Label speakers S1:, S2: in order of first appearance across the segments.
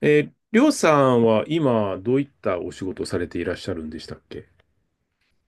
S1: りょうさんは今どういったお仕事をされていらっしゃるんでしたっけ？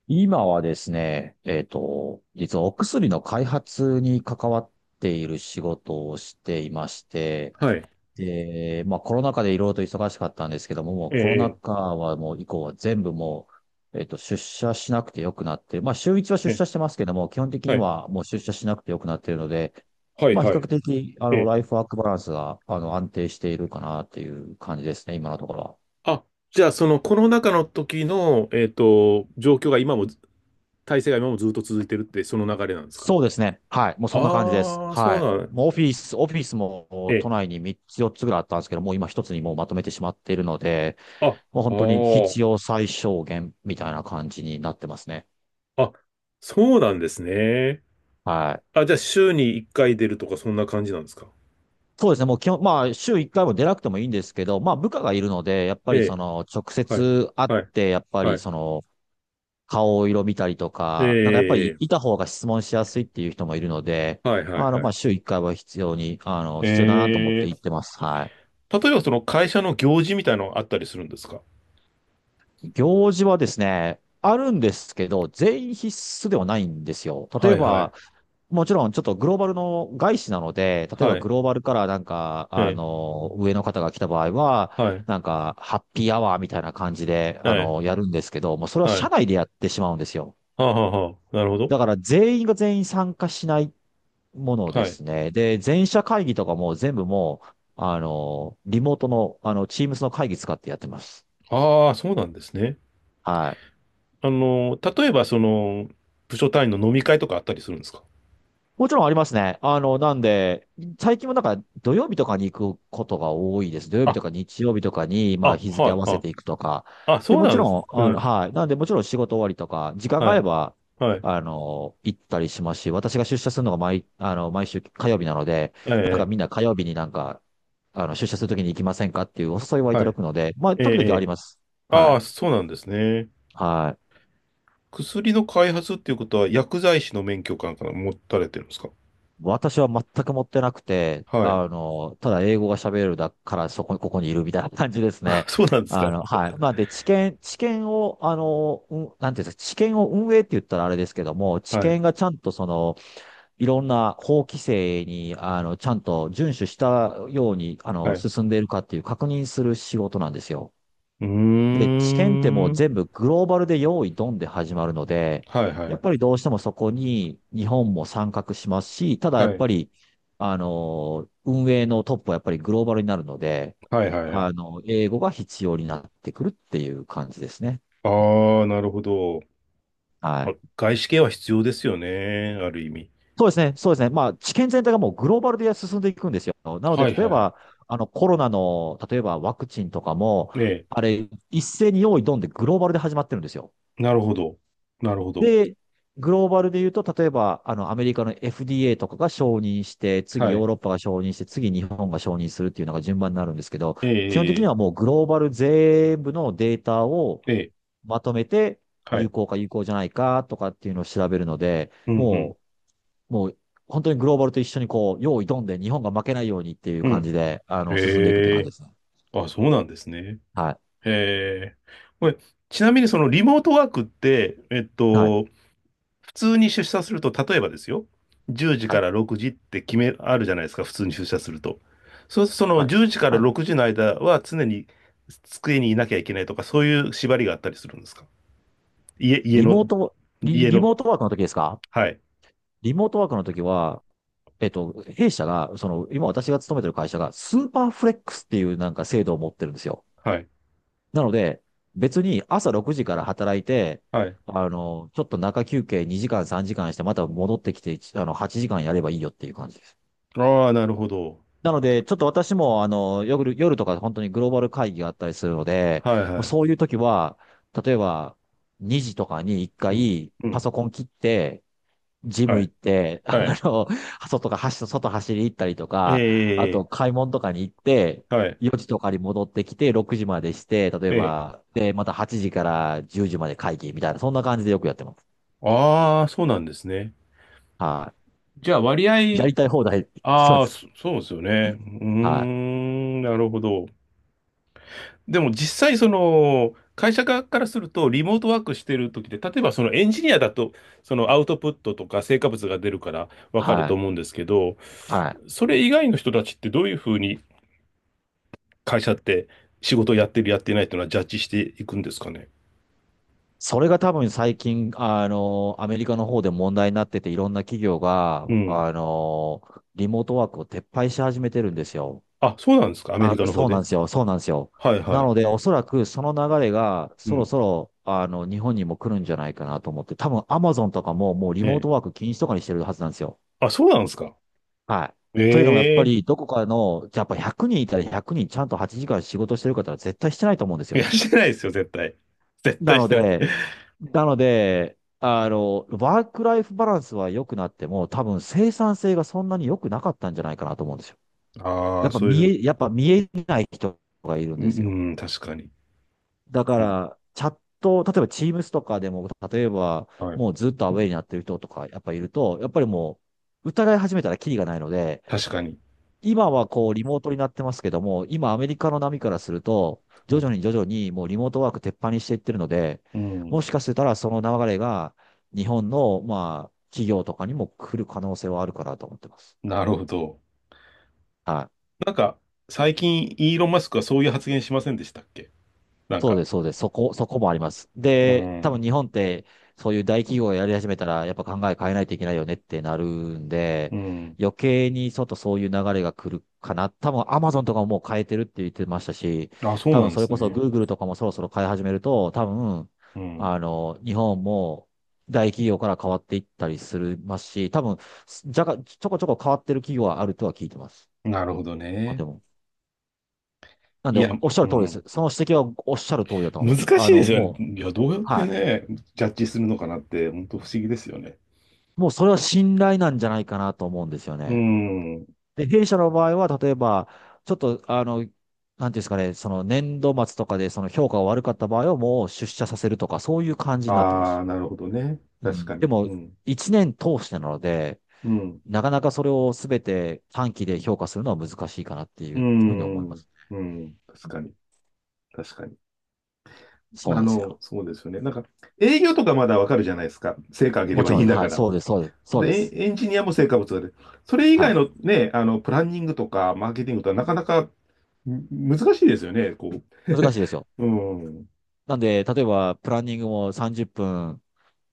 S2: 今はですね、実はお薬の開発に関わっている仕事をしていまして、
S1: はい。
S2: で、まあコロナ禍でいろいろと忙しかったんですけども、もう
S1: え
S2: コロナ
S1: え、
S2: 禍はもう以降は全部もう、えっと、出社しなくてよくなって、まあ週一は
S1: え
S2: 出
S1: え、え
S2: 社してますけども、基本的
S1: え、
S2: に
S1: はい、
S2: はもう出社しなくてよくなっているので、
S1: はい、
S2: まあ比
S1: は
S2: 較
S1: い。
S2: 的、
S1: ええ。
S2: ライフワークバランスが、安定しているかなっていう感じですね、今のところは。
S1: あ、じゃあそのコロナ禍の時の、状況が今も、体制が今もずっと続いてるって、その流れなんですか？
S2: そうですね。はい。もうそんな感じです。
S1: ああー、そう
S2: はい。
S1: なん、
S2: もうオフィス
S1: え
S2: も都
S1: え。
S2: 内に3つ4つぐらいあったんですけど、もう今一つにもうまとめてしまっているので、
S1: あ、あ
S2: もう本当に必
S1: ー、
S2: 要最小限みたいな感じになってますね。
S1: あ、そうなんですね。
S2: はい。
S1: あ、じゃあ週に1回出るとかそんな感じなんですか？
S2: そうですね。もう基本、まあ週1回も出なくてもいいんですけど、まあ部下がいるので、やっぱ
S1: え
S2: りそ
S1: え、
S2: の直
S1: はい、
S2: 接会っ
S1: はい、
S2: て、やっぱ
S1: は
S2: り
S1: い。
S2: その顔色見たりと
S1: え
S2: か、なんかやっぱり
S1: え、え
S2: いた方が質問しやすいっていう人もいるので、
S1: え、はい、はい、は
S2: まあ
S1: い。
S2: 週1回は必要に、必要だなと思
S1: え
S2: って行ってます。はい。
S1: 例えばその会社の行事みたいなのがあったりするんですか？
S2: 行事はですね、あるんですけど、全員必須ではないんですよ。例
S1: は
S2: え
S1: いはい。
S2: ば、もちろんちょっとグローバルの外資なので、例えば
S1: は
S2: グ
S1: い。
S2: ローバルからなんか、
S1: ええ。
S2: 上の方が来た場合は、
S1: はい。
S2: なんか、ハッピーアワーみたいな感じで、
S1: ええ。
S2: やるんですけど、もうそれは
S1: はい。
S2: 社
S1: は
S2: 内でやってしまうんですよ。
S1: あ、はあはあ、なるほど。
S2: だから全員が全員参加しないもので
S1: はい。
S2: すね。で、全社会議とかも全部もう、リモートの、Teams の会議使ってやってます。
S1: ああ、そうなんですね。
S2: はい。
S1: あの、例えばその、部署単位の飲み会とかあったりするんですか？
S2: もちろんありますね。あの、なんで、最近もなんか土曜日とかに行くことが多いです。土曜日
S1: あ、
S2: とか日曜日とかに、まあ
S1: あ、
S2: 日
S1: は
S2: 付合
S1: い
S2: わ
S1: は
S2: せ
S1: い。
S2: ていくとか。
S1: あ、
S2: で、
S1: そう
S2: も
S1: な
S2: ち
S1: んで
S2: ろ
S1: すね。
S2: ん、
S1: う
S2: あの、
S1: ん。
S2: はい。なんで、もちろん仕事終わりとか、時間があ
S1: は
S2: れ
S1: い。
S2: ば、
S1: はい。
S2: 行ったりしますし、私が出社するのが毎、あの、毎週火曜日なので、
S1: ええ、
S2: なんか
S1: え
S2: みんな火曜日になんか、出社するときに行きませんかっていうお誘いは
S1: え、
S2: い
S1: は
S2: ただ
S1: い。
S2: くので、まあ、
S1: ええ、
S2: 時
S1: え
S2: 々あり
S1: え。
S2: ます。は
S1: ああ、
S2: い。
S1: そうなんですね。
S2: はい。
S1: 薬の開発っていうことは薬剤師の免許かなんか持たれてるんですか？
S2: 私は全く持ってなくて、
S1: はい。
S2: ただ英語が喋れるだからそこに、ここにいるみたいな感じです
S1: あ、
S2: ね。
S1: そうなんです
S2: あ
S1: か。
S2: の、はい。まあ、で、知見を、あの、うん、なんていうんですか、知見を運営って言ったらあれですけども、知
S1: はい。
S2: 見がちゃんとその、いろんな法規制に、ちゃんと遵守したように、
S1: はい。
S2: 進んでいるかっていう確認する仕事なんですよ。
S1: う
S2: で、
S1: ー
S2: 知見っても
S1: ん。
S2: う
S1: は
S2: 全部グローバルで用意ドンで始まるので、
S1: いは
S2: や
S1: い。
S2: っぱりどうしてもそこに日本も参画しますし、ただや
S1: は
S2: っぱ
S1: い。
S2: り、運営のトップはやっぱりグローバルになるので、
S1: はいはいはい。
S2: 英語が必要になってくるっていう感じですね。
S1: ああ、なるほど。
S2: は
S1: あ、
S2: い。
S1: 外資系は必要ですよね。ある意味。
S2: そうですね。そうですね。まあ、知見全体がもうグローバルで進んでいくんですよ。なので、
S1: はい
S2: 例
S1: は
S2: え
S1: いはい。
S2: ば、コロナの、例えばワクチンとかも、
S1: ええ。
S2: あれ、一斉に用意ドンでグローバルで始まってるんですよ。
S1: なるほど。なるほど。
S2: で、グローバルで言うと、例えば、アメリカの FDA とかが承認して、次
S1: は
S2: ヨー
S1: い。
S2: ロッパが承認して、次日本が承認するっていうのが順番になるんですけど、
S1: え
S2: 基本的に
S1: え、
S2: はもうグローバル全部のデータを
S1: ええ、ええ。
S2: まとめて、
S1: は
S2: 有
S1: い。
S2: 効か有効じゃないかとかっていうのを調べるので、
S1: うんうん。
S2: もう、もう、本当にグローバルと一緒にこう、用意ドんで日本が負けないようにっていう
S1: う
S2: 感
S1: ん。
S2: じで、進んでいくって
S1: え
S2: 感じで
S1: え。
S2: すね。
S1: あ、そうなんですね。
S2: はい。
S1: ええ。これ、ちなみにそのリモートワークって、
S2: はい。
S1: 普通に出社すると、例えばですよ、10時
S2: は
S1: か
S2: い。
S1: ら6時って決め、あるじゃないですか、普通に出社すると。そうすると、その
S2: はい。
S1: 10時から
S2: はい。
S1: 6時の間は常に机にいなきゃいけないとか、そういう縛りがあったりするんですか？家、家
S2: リ
S1: の、
S2: モート、
S1: 家
S2: リ
S1: の、
S2: モートワークの時ですか？
S1: はい、
S2: リモートワークの時は、弊社が、その、今私が勤めてる会社が、スーパーフレックスっていうなんか制度を持ってるんですよ。
S1: はい、
S2: なので、別に朝6時から働いて、
S1: はい。
S2: ちょっと中休憩2時間3時間して、また戻ってきて、8時間やればいいよっていう感じです。
S1: ああ、なるほど。
S2: なので、ちょっと私も、夜とか本当にグローバル会議があったりするので、
S1: はい、
S2: もう
S1: は
S2: そ
S1: い。
S2: ういう時は、例えば、2時とかに1
S1: うん、
S2: 回、
S1: う
S2: パ
S1: ん、
S2: ソコン切って、ジ
S1: は
S2: ム
S1: い、
S2: 行って、
S1: はい。
S2: の、外走り行ったりと
S1: え
S2: か、あと
S1: え、
S2: 買い物とかに行って、
S1: はい、
S2: 4時とかに戻ってきて、6時までして、例え
S1: ええ。
S2: ば、で、また8時から10時まで会議みたいな、そんな感じでよくやってます。
S1: ああ、そうなんですね。
S2: は
S1: じゃあ、割
S2: い。や
S1: 合、
S2: りたい放題、そう
S1: あ
S2: で
S1: あ、
S2: す。
S1: そうですよね。うー
S2: はい。
S1: ん、なるほど。でも実際その会社側からするとリモートワークしてる時で、例えばそのエンジニアだとそのアウトプットとか成果物が出るからわかる
S2: は
S1: と
S2: い。
S1: 思うんですけど、
S2: はい。
S1: それ以外の人たちってどういうふうに会社って仕事をやってるやってないっていうのはジャッジしていくんですかね。
S2: それが多分最近、アメリカの方で問題になってて、いろんな企業
S1: う
S2: が、
S1: ん。
S2: リモートワークを撤廃し始めてるんですよ。
S1: あ、そうなんですか。アメリ
S2: あ、
S1: カの方
S2: そうなん
S1: で。
S2: ですよ。そうなんですよ。
S1: はいは
S2: な
S1: い。
S2: ので、おそらくその流れが
S1: う
S2: そろ
S1: ん。
S2: そろ、日本にも来るんじゃないかなと思って、多分 Amazon とかももうリ
S1: え
S2: モート
S1: え。
S2: ワーク禁止とかにしてるはずなんですよ。
S1: あ、そうなんですか。
S2: はい。
S1: え
S2: というのもやっぱ
S1: え。
S2: りどこかの、じゃあやっぱ100人いたら100人ちゃんと8時間仕事してる方は絶対してないと思うんです
S1: い
S2: よ。
S1: や、してないですよ、絶対。絶
S2: な
S1: 対し
S2: の
S1: てない。
S2: で、なので、ワークライフバランスは良くなっても、多分生産性がそんなに良くなかったんじゃないかなと思うんですよ。
S1: ああ、そういう、
S2: やっぱ見えない人がいるん
S1: うん、
S2: ですよ。
S1: うん、確かに。
S2: だか
S1: うん。
S2: ら、チャット、例えば Teams とかでも、例えば、
S1: はい。
S2: もうずっとアウェイになってる人とか、やっぱりもう、疑い始めたらキリがないので、
S1: 確かに。
S2: 今はこう、リモートになってますけども、今アメリカの波からすると、
S1: は
S2: 徐
S1: い、
S2: 々に徐々にもうリモートワーク鉄板にしていってるので、
S1: うん。
S2: もしかしたらその流れが、日本の、まあ、企業とかにも来る可能性はあるかなと思ってます。
S1: なるほど。
S2: はい。
S1: なんか、最近、イーロン・マスクはそういう発言しませんでしたっけ？なん
S2: そう
S1: か、
S2: です、そうです。そこもあります。
S1: う
S2: で、多分
S1: ん、
S2: 日本って、そういう大企業がやり始めたら、やっぱ考え変えないといけないよねってなるんで、
S1: うん。
S2: 余計にちょっとそういう流れが来るかな。多分アマゾンとかももう変えてるって言ってましたし、
S1: あ、そう
S2: 多
S1: な
S2: 分
S1: んで
S2: それ
S1: す
S2: こそ
S1: ね。
S2: Google とかもそろそろ変え始めると、多分、
S1: うん。
S2: 日本も大企業から変わっていったりするますし、多分、じゃが、ちょこちょこ変わってる企業はあるとは聞いてます。
S1: なるほど
S2: 日本で
S1: ね。
S2: も。なん
S1: い
S2: で、
S1: や、
S2: おっしゃ
S1: う
S2: る通りです。
S1: ん。
S2: その指摘はおっしゃる通りだと思います。
S1: 難し
S2: あ
S1: いで
S2: の、
S1: すよね。
S2: もう、
S1: いや、どうやって
S2: はい。
S1: ね、ジャッジするのかなって、本当不思議ですよね。
S2: もうそれは信頼なんじゃないかなと思うんですよ
S1: う
S2: ね。
S1: ん。
S2: で、弊社の場合は、例えば、ちょっと、あの、なんていうんですかね、その年度末とかでその評価が悪かった場合はもう出社させるとか、そういう感じになってま
S1: あ
S2: す。
S1: あ、なるほどね。
S2: う
S1: 確か
S2: ん。で
S1: に。
S2: も、
S1: うん。
S2: 一年通してなので、
S1: うん。
S2: なかなかそれをすべて短期で評価するのは難しいかなってい
S1: う
S2: うふうに思いま
S1: ん。
S2: す。
S1: うん。確かに。確かに。
S2: そう
S1: あ
S2: なんです
S1: の、
S2: よ。
S1: そうですよね。なんか、営業とかまだわかるじゃないですか。成果上げれ
S2: も
S1: ば
S2: ち
S1: い
S2: ろ
S1: い
S2: ん
S1: ん
S2: です、
S1: だ
S2: は
S1: か
S2: い、
S1: ら。
S2: そうです、そうです、そうで
S1: で、
S2: す。
S1: エンジニアも成果物が出る。それ以
S2: は
S1: 外
S2: い。
S1: のね、あの、プランニングとか、マーケティングとか、
S2: う
S1: なか
S2: ん
S1: なか難しいですよね、こ
S2: 難しいですよ。
S1: う。うん、うん。
S2: なんで、例えば、プランニングも30分、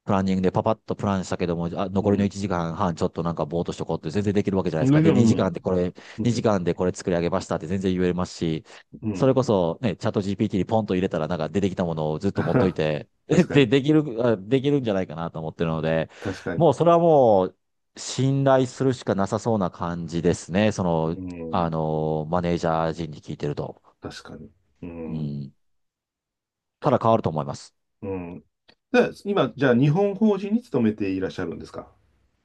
S2: プランニングでパパッとプランしたけども、あ、
S1: う
S2: 残りの
S1: ん、
S2: 1時間半ちょっとなんかぼーっとしとこうって全然できるわけじゃない
S1: う
S2: ですか。で、
S1: ん、う
S2: 2
S1: ん。
S2: 時間でこれ作り上げましたって全然言えますし、
S1: う
S2: それ
S1: ん。
S2: こそね、チャット GPT にポンと入れたらなんか出てきたものをずっ と持っといて、で、
S1: 確か
S2: で
S1: に、
S2: できる、あできるんじゃないかなと思ってるので、
S1: 確かに。
S2: もうそれはもう信頼するしかなさそうな感じですね。その、
S1: う
S2: あ
S1: ん、
S2: の、マネージャー陣に聞いてると。
S1: 確かに。う
S2: う
S1: ん、
S2: ん。ただ変わると思います。
S1: うん。で、今、じゃあ、日本法人に勤めていらっしゃるんですか？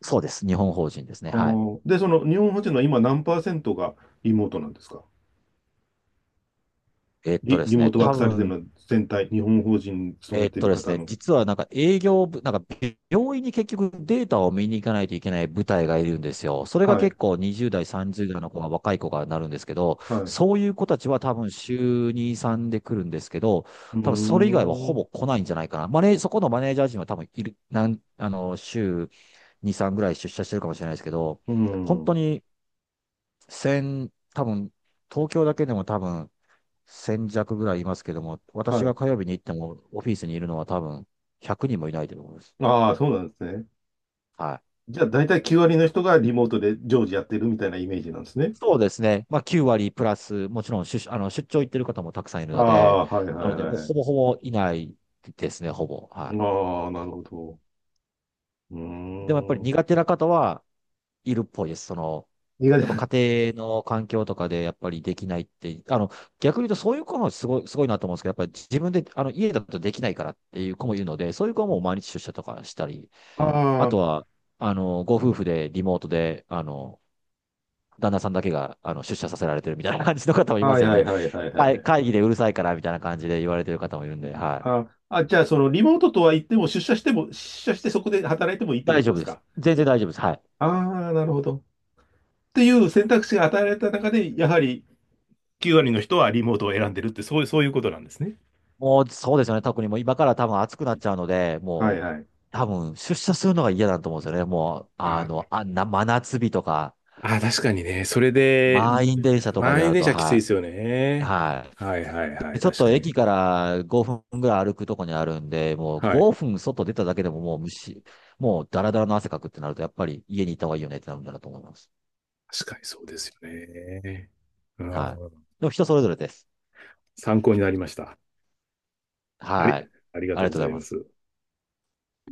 S2: そうです。日本法人ですね。はい。
S1: で、その日本法人の今何パーセントがリモートなんですか？
S2: えっと
S1: リ、
S2: で
S1: リ
S2: す
S1: モー
S2: ね、
S1: トワー
S2: 多
S1: クされてるの
S2: 分、
S1: は全体、日本法人に勤
S2: え
S1: め
S2: っ
S1: て
S2: と
S1: る
S2: です
S1: 方
S2: ね、
S1: の。
S2: 実はなんか営業部、なんか病院に結局データを見に行かないといけない部隊がいるんですよ。それが
S1: はい
S2: 結構20代、30代の子が若い子がなるんですけど、
S1: はい。
S2: そういう子たちは多分週2、3で来るんですけど、
S1: う
S2: 多分それ以外は
S1: ー
S2: ほ
S1: ん。
S2: ぼ来ないんじゃないかな。マネー、そこのマネージャー陣は多分いる、なん、あの、週2、3ぐらい出社してるかもしれないですけど、
S1: う
S2: 本当
S1: ん。
S2: に1多分東京だけでも多分1000弱ぐらいいますけども、
S1: は
S2: 私
S1: い。
S2: が火曜日に行ってもオフィスにいるのは多分100人もいないと思います。
S1: ああ、そうなんですね。
S2: はい。
S1: じゃあ、大体9割の人がリモートで常時やってるみたいなイメージなんですね。
S2: そうですね。まあ9割プラス、もちろん出、あの出張行ってる方もたくさんいる
S1: あ
S2: ので、
S1: あ、はいはい
S2: なの
S1: は
S2: で
S1: い
S2: もう
S1: はい。
S2: ほぼほぼいないですね、ほぼ。は
S1: ああ、なるほど。うー
S2: い。でもやっぱり
S1: ん。
S2: 苦手な方はいるっぽいです。その、
S1: 苦手
S2: やっ
S1: な。
S2: ぱ家庭の環境とかでやっぱりできないって、あの、逆に言うとそういう子もすごい、すごいなと思うんですけど、やっぱり自分で、あの、家だとできないからっていう子もいるので、そういう子はもう毎日出社とかしたり あと
S1: あ
S2: は、あの、ご夫婦でリモートで、あの、旦那さんだけが、あの、出社させられてるみたいな感じの方もい
S1: あ、
S2: ま
S1: は
S2: す
S1: い
S2: よ
S1: はい
S2: ね。
S1: はいはいは
S2: 会
S1: い。
S2: 会議でうるさいからみたいな感じで言われてる方もいるんで、はい。
S1: ああ、じゃあ、そのリモートとは言っても、出社しても、出社してそこで働いてもいいってこ
S2: 大
S1: と
S2: 丈
S1: で
S2: 夫
S1: す
S2: です。
S1: か。
S2: 全然大丈夫です。はい。
S1: ああ、なるほど。っていう選択肢が与えられた中で、やはり9割の人はリモートを選んでるって、そういう、そういうことなんですね。
S2: もう、そうですよね。特にもう今から多分暑くなっちゃうので、
S1: は
S2: も
S1: い
S2: う、
S1: はい。
S2: 多分出社するのが嫌だと思うんですよね。もう、あの、
S1: あ、
S2: あんな真夏日とか、
S1: ああ、確かにね。それで、
S2: 満員電車とかで
S1: 満
S2: な
S1: 員
S2: る
S1: 電
S2: と、
S1: 車きついで
S2: は
S1: すよ
S2: い。
S1: ね。
S2: はい。
S1: はいはいはい。
S2: でちょっ
S1: 確
S2: と
S1: かに。
S2: 駅から5分ぐらい歩くとこにあるんで、もう
S1: はい。
S2: 5分外出ただけでももう虫、もうダラダラの汗かくってなると、やっぱり家に行った方がいいよねってなるんだなと思います。
S1: 確かにそうですよね。う
S2: はい。
S1: ん、
S2: でも人それぞれです。
S1: 参考になりました。あり、
S2: はい。
S1: ありが
S2: あり
S1: とう
S2: が
S1: ご
S2: とう
S1: ざ
S2: ござ
S1: い
S2: いま
S1: ま
S2: す。
S1: す。